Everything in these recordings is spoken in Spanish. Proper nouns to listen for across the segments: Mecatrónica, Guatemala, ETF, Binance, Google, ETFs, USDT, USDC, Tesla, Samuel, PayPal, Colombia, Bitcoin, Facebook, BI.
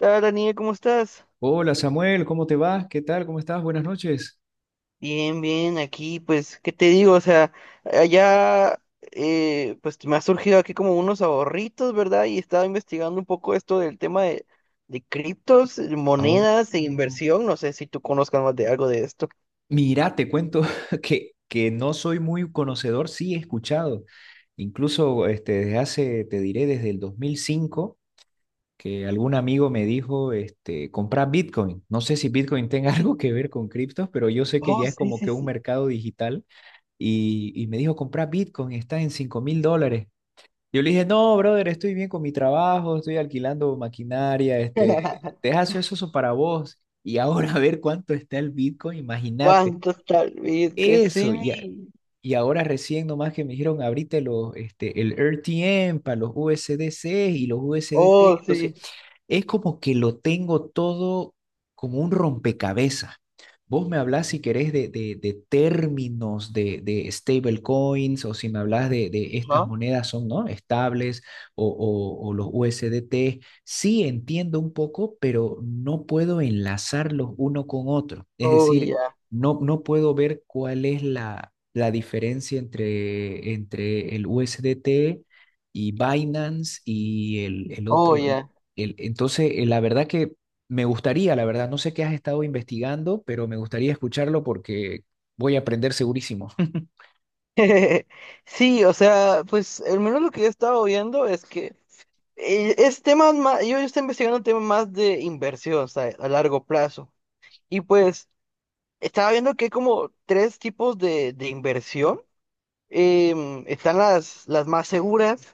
Hola Daniel, ¿cómo estás? Hola Samuel, ¿cómo te vas? ¿Qué tal? ¿Cómo estás? Buenas noches. Bien, bien, aquí, pues, ¿qué te digo? O sea, allá, pues, me ha surgido aquí como unos ahorritos, ¿verdad? Y estaba investigando un poco esto del tema de criptos, Oh, monedas e mm, inversión. No sé si tú conozcas más de algo de esto. mira, te cuento que no soy muy conocedor, sí he escuchado. Incluso desde hace, te diré, desde el 2005, que algún amigo me dijo, comprar Bitcoin. No sé si Bitcoin tenga algo que ver con criptos, pero yo sé que Oh, ya es sí, como sí, que un sí. mercado digital. Y me dijo, comprar Bitcoin, está en $5.000. Yo le dije, no, brother, estoy bien con mi trabajo, estoy alquilando maquinaria, deja eso, eso para vos. Y ahora a ver cuánto está el Bitcoin, imagínate. ¿Cuántos tal vez? Que Eso, ya, sí. y ahora recién nomás que me dijeron, abrite los, el RTM para los USDC y los USDT. Oh, Entonces, sí. es como que lo tengo todo como un rompecabezas. Vos me hablás si querés de términos de stablecoins, o si me hablas de estas ¿No? monedas son ¿no? estables, o los USDT. Sí entiendo un poco, pero no puedo enlazarlos uno con otro. Es Oh, decir, ya. no, no puedo ver cuál es la diferencia entre el USDT y Binance y el Oh, otro. Ya. Entonces, la verdad que me gustaría, la verdad, no sé qué has estado investigando, pero me gustaría escucharlo porque voy a aprender segurísimo. Sí, o sea, pues, al menos lo que yo he estado viendo es que es temas más, yo estoy investigando temas más de inversión, o sea, a largo plazo. Y pues estaba viendo que hay como tres tipos de inversión. Están las más seguras,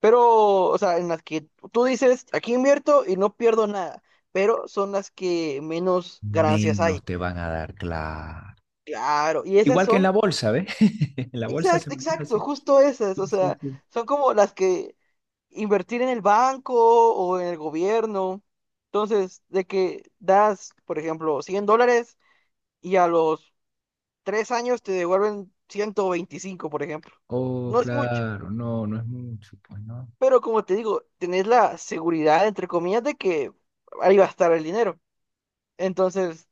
pero, o sea, en las que tú dices, aquí invierto y no pierdo nada, pero son las que menos ganancias hay. Menos te van a dar, claro. Claro, y esas Igual que en la son. bolsa, ¿ves? En la bolsa se Exacto, maneja exacto, así. justo esas, o Sí, sí, sea, sí. son como las que invertir en el banco o en el gobierno. Entonces, de que das, por ejemplo, $100 y a los 3 años te devuelven 125, por ejemplo. Oh, No es mucho, claro, no, no es mucho, pues no. pero como te digo, tenés la seguridad, entre comillas, de que ahí va a estar el dinero. Entonces,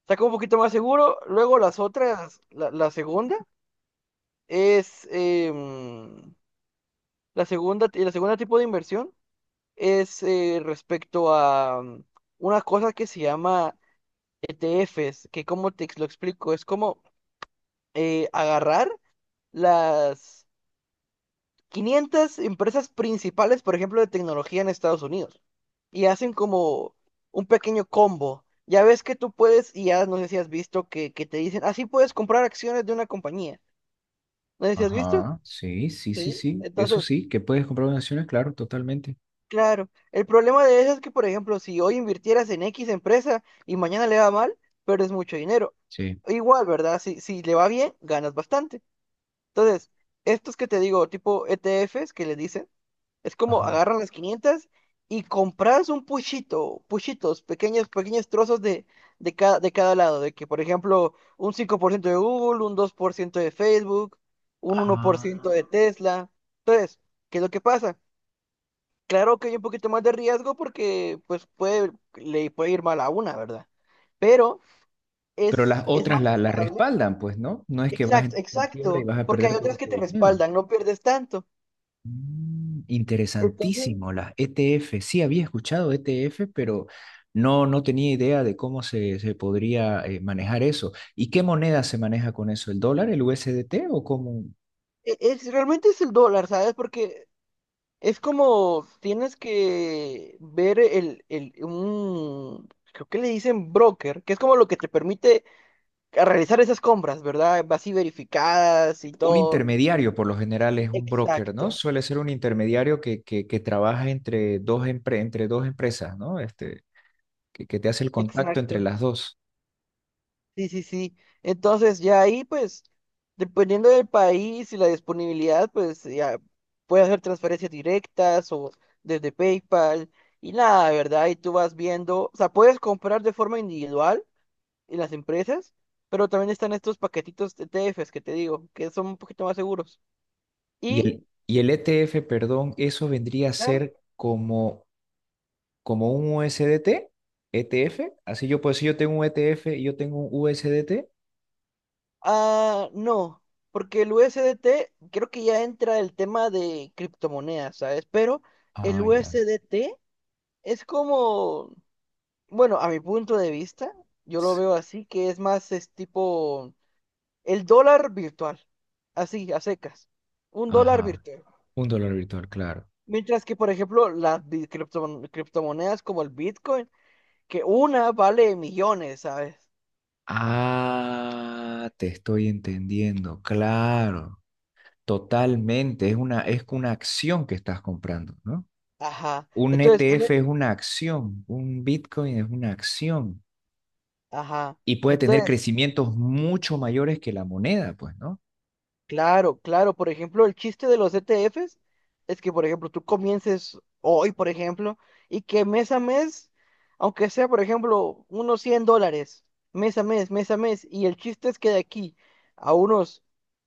está como un poquito más seguro. Luego las otras, es... em, la segunda tipo de inversión es respecto a una cosa que se llama ETFs, que como lo explico, es como agarrar las 500 empresas principales, por ejemplo, de tecnología en Estados Unidos, y hacen como un pequeño combo. Ya ves que tú puedes, y ya no sé si has visto que te dicen, así puedes comprar acciones de una compañía. No sé si has visto. Ajá, sí, sí, sí, Sí. sí, eso Entonces, sí, que puedes comprar donaciones, claro, totalmente. claro, el problema de eso es que, por ejemplo, si hoy invirtieras en X empresa y mañana le va mal, pierdes mucho dinero. Sí. Igual, ¿verdad? Si le va bien, ganas bastante. Entonces, estos que te digo, tipo ETFs que le dicen, es como Ajá. agarran las 500 y compras un puchito, puchitos, pequeños, pequeños trozos de cada lado. De que, por ejemplo, un 5% de Google, un 2% de Facebook, un 1% de Ah, Tesla. Entonces, ¿qué es lo que pasa? Claro que hay un poquito más de riesgo porque pues le puede ir mal a una, ¿verdad? Pero pero las es otras más la estable. respaldan, pues, ¿no? No es que vas Exacto, en quiebra y exacto, vas a porque hay perder todo otras que tu te dinero. respaldan, no pierdes tanto. Entonces, Interesantísimo, las ETF. Sí, había escuchado ETF, pero no, no tenía idea de cómo se podría manejar eso. ¿Y qué moneda se maneja con eso? ¿El dólar, el U S D T o como realmente es el dólar, ¿sabes? Porque es como tienes que ver un, creo que le dicen broker, que es como lo que te permite a realizar esas compras, ¿verdad? Así verificadas y un todo. intermediario? Por lo general es un broker, ¿no? Exacto, Suele ser un intermediario que trabaja entre dos, entre dos empresas, ¿no? Que te hace el contacto entre exacto. las dos. Sí, sí, sí. Entonces, ya ahí, pues, dependiendo del país y la disponibilidad, pues, ya puedes hacer transferencias directas o desde PayPal y nada, ¿verdad? Y tú vas viendo, o sea, puedes comprar de forma individual en las empresas, pero también están estos paquetitos de TFs que te digo, que son un poquito más seguros. Y Y, el, y el ETF, perdón, eso vendría a claro, ser como, un USDT, ETF. Así yo, pues si yo tengo un ETF y yo tengo un USDT. ah, no, porque el USDT creo que ya entra el tema de criptomonedas, ¿sabes? Pero el Ah, ya. USDT es como. Bueno, a mi punto de vista, yo lo s- veo así, que es tipo el dólar virtual, así, a secas, un dólar Ajá. virtual. Un dólar virtual, claro. Mientras que, por ejemplo, las criptomonedas como el Bitcoin, que una vale millones, ¿sabes? Ah, te estoy entendiendo, claro. Totalmente. Es una acción que estás comprando, ¿no? Ajá. Un Entonces, ETF es una acción, un Bitcoin es una acción ajá. y puede tener Entonces, crecimientos mucho mayores que la moneda, pues, ¿no? claro, claro. Por ejemplo, el chiste de los ETFs es que, por ejemplo, tú comiences hoy, por ejemplo, y que mes a mes, aunque sea, por ejemplo, unos $100, mes a mes, y el chiste es que de aquí a unos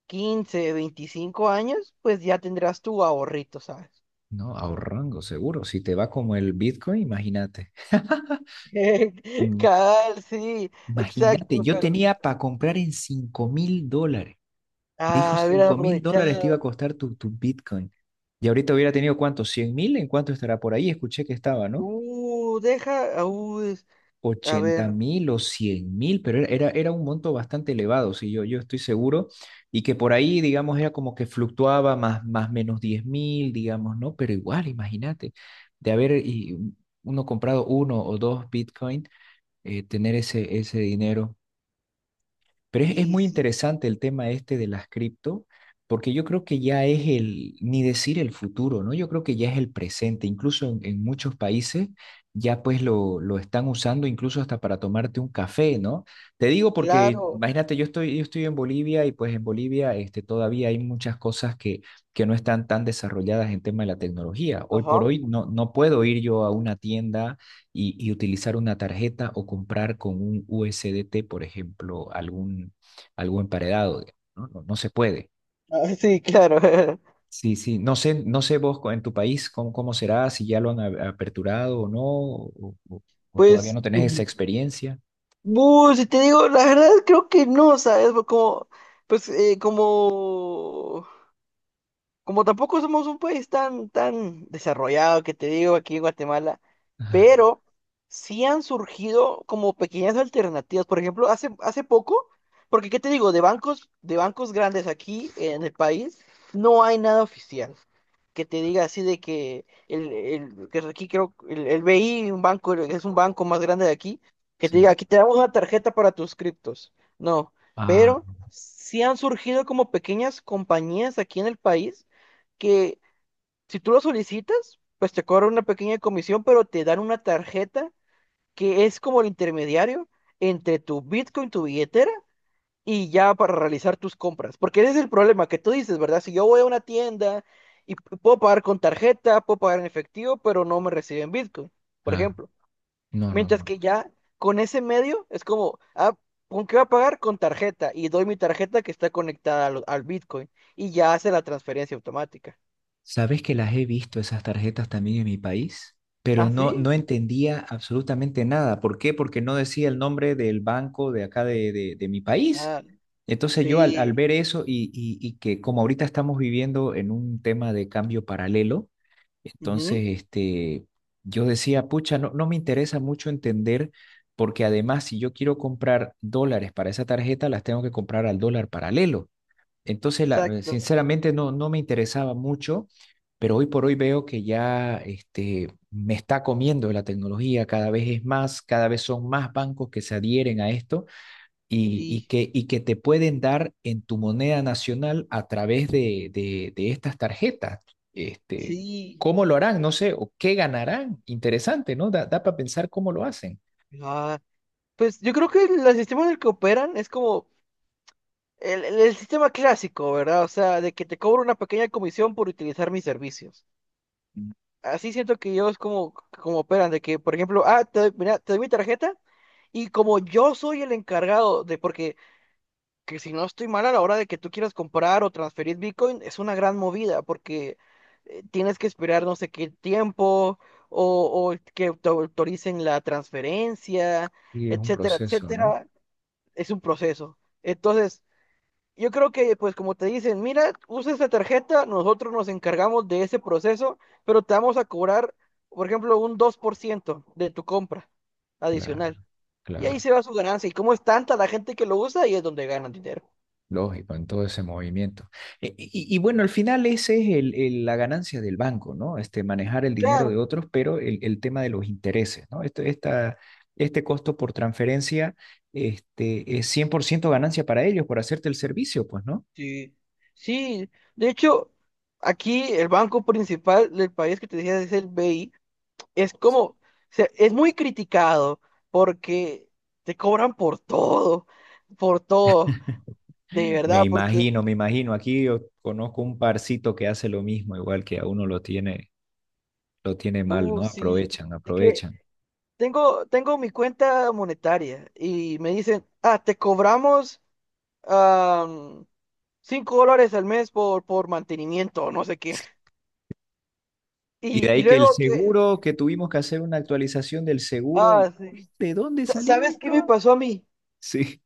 15, 25 años, pues ya tendrás tu ahorrito, ¿sabes? No, ahorrando, seguro. Si te va como el Bitcoin, imagínate. Mm, Cal, sí, Imagínate, exacto, yo pero... tenía para comprar en $5.000. Me dijo Ah, hubiera 5 mil dólares te iba a aprovechado. costar tu Bitcoin. Y ahorita hubiera tenido cuánto, 100.000, ¿en cuánto estará por ahí? Escuché que estaba, ¿no? Deja, a ochenta ver, mil o 100.000, pero era un monto bastante elevado, sí, yo estoy seguro, y que por ahí, digamos, era como que fluctuaba más menos 10.000, digamos, ¿no? Pero igual, imagínate, de haber uno comprado uno o dos Bitcoin, tener ese dinero, pero es y muy sí, interesante el tema este de las cripto, porque yo creo que ya es ni decir el futuro, ¿no? Yo creo que ya es el presente. Incluso en muchos países ya pues lo están usando incluso hasta para tomarte un café, ¿no? Te digo porque, claro, imagínate, yo estoy en Bolivia y pues en Bolivia todavía hay muchas cosas que no están tan desarrolladas en tema de la tecnología. Hoy por ajá. hoy no, no puedo ir yo a una tienda y utilizar una tarjeta o comprar con un USDT, por ejemplo, algo emparedado. ¿No? No, no se puede. Ah, sí, claro. Sí, sí. No sé, no sé vos en tu país cómo será, si ya lo han aperturado o no, o todavía Pues, no tenés esa experiencia. Si te digo, la verdad creo que no, ¿sabes? Como, pues, como tampoco somos un país tan, tan desarrollado que te digo aquí en Guatemala, Ah, pero sí han surgido como pequeñas alternativas. Por ejemplo, hace poco, porque ¿qué te digo? De bancos grandes aquí en el país no hay nada oficial que te diga así de que el, que aquí creo el BI, un banco, es un banco más grande de aquí, que te diga, sí. aquí te damos una tarjeta para tus criptos. No, Ah, pero sí han surgido como pequeñas compañías aquí en el país que si tú lo solicitas, pues te cobran una pequeña comisión, pero te dan una tarjeta que es como el intermediario entre tu Bitcoin, tu billetera, y ya para realizar tus compras. Porque ese es el problema que tú dices, ¿verdad? Si yo voy a una tienda y puedo pagar con tarjeta, puedo pagar en efectivo, pero no me reciben Bitcoin, por claro. ejemplo. No, no, Mientras no. que ya con ese medio es como, ah, ¿con qué voy a pagar? Con tarjeta. Y doy mi tarjeta que está conectada al Bitcoin y ya hace la transferencia automática. Sabes que las he visto esas tarjetas también en mi país, pero ¿Ah, no, sí? no entendía absolutamente nada. ¿Por qué? Porque no decía el nombre del banco de acá de mi país. Entonces yo al Sí, ver eso y que como ahorita estamos viviendo en un tema de cambio paralelo, ujú, entonces yo decía, pucha, no, no me interesa mucho entender porque además si yo quiero comprar dólares para esa tarjeta, las tengo que comprar al dólar paralelo. Entonces, exacto, sinceramente, no, no me interesaba mucho, pero hoy por hoy veo que ya me está comiendo la tecnología, cada vez es más, cada vez son más bancos que se adhieren a esto y, y sí, que, y que te pueden dar en tu moneda nacional a través de estas tarjetas. Este, sí. ¿Cómo lo harán? No sé, o qué ganarán. Interesante, ¿no? Da para pensar cómo lo hacen. Ah, pues yo creo que el sistema en el que operan es como el sistema clásico, ¿verdad? O sea, de que te cobro una pequeña comisión por utilizar mis servicios. Así siento que ellos como operan, de que, por ejemplo, ah, mira, te doy mi tarjeta y como yo soy el encargado de, porque que si no estoy mal a la hora de que tú quieras comprar o transferir Bitcoin, es una gran movida porque tienes que esperar no sé qué tiempo o que te autoricen la transferencia, Y es un etcétera, proceso, ¿no? etcétera. Es un proceso. Entonces, yo creo que pues como te dicen, mira, usa esta tarjeta, nosotros nos encargamos de ese proceso, pero te vamos a cobrar, por ejemplo, un 2% de tu compra adicional. Claro, Y ahí claro. se va su ganancia. Y como es tanta la gente que lo usa, ahí es donde ganan dinero. Lógico, en todo ese movimiento. Y bueno, al final esa es la ganancia del banco, ¿no? Manejar el dinero de Claro, otros, pero el tema de los intereses, ¿no? este esta, este Costo por transferencia, es 100% ganancia para ellos por hacerte el servicio, pues, ¿no? sí, sí, de hecho, aquí el banco principal del país que te decía es el BI, es como, o sea, es muy criticado porque te cobran por todo, de Me verdad, porque, imagino, me imagino. Aquí yo conozco un parcito que hace lo mismo, igual que a uno lo tiene mal, ¿no? sí, Aprovechan, es que aprovechan. tengo mi cuenta monetaria y me dicen, ah, te cobramos am, $5 al mes por mantenimiento, no sé qué. Y de Y ahí que luego el que, seguro, que tuvimos que hacer una actualización del seguro. Ah, sí. ¿De dónde salió ¿Sabes qué me esto? pasó a mí? Sí,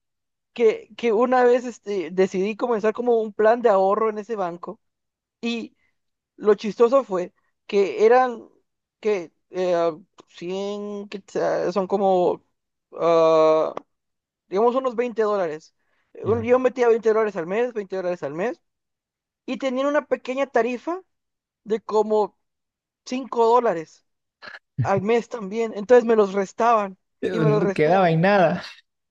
Que una vez decidí comenzar como un plan de ahorro en ese banco y lo chistoso fue que eran que 100, que sea, son como, ah, digamos, unos $20. Ya. Yo metía $20 al mes, $20 al mes y tenían una pequeña tarifa de como $5 al mes también. Entonces me los restaban y me los No quedaba restaban. en nada.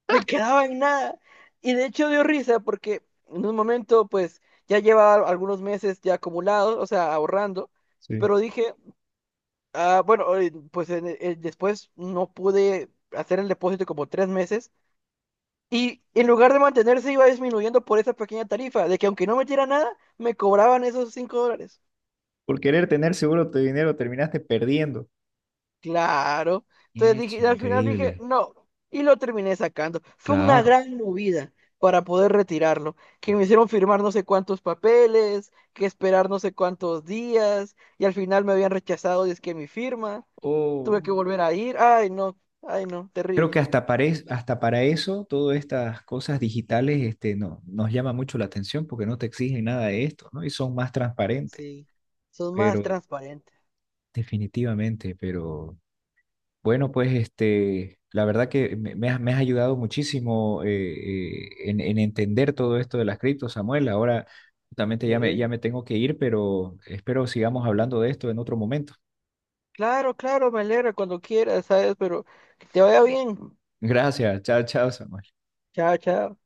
Me quedaba en nada. Y de hecho dio risa porque en un momento, pues, ya llevaba algunos meses ya acumulados, o sea, ahorrando, Sí. pero dije, ah, bueno, pues después no pude hacer el depósito como 3 meses y en lugar de mantenerse iba disminuyendo por esa pequeña tarifa, de que aunque no metiera nada, me cobraban esos $5. Por querer tener seguro tu dinero terminaste perdiendo. Claro. Entonces Es dije, y al final dije, increíble. no, y lo terminé sacando. Fue una Claro. gran movida para poder retirarlo, que me hicieron firmar no sé cuántos papeles, que esperar no sé cuántos días, y al final me habían rechazado y es que mi firma, tuve que Oh. volver a ir. Ay, no, Creo que terrible. hasta para, hasta para eso, todas estas cosas digitales, no, nos llama mucho la atención porque no te exigen nada de esto, ¿no? Y son más transparentes. Sí, son más Pero transparentes. definitivamente, pero bueno, pues la verdad que me has ayudado muchísimo en entender todo esto de las criptos, Samuel. Ahora justamente Me ya me, ya alegra. me tengo que ir, pero espero sigamos hablando de esto en otro momento. Claro, claro, me alegra cuando quieras, ¿sabes? Pero que te vaya bien. Gracias. Chao, chao, Samuel. Chao, chao.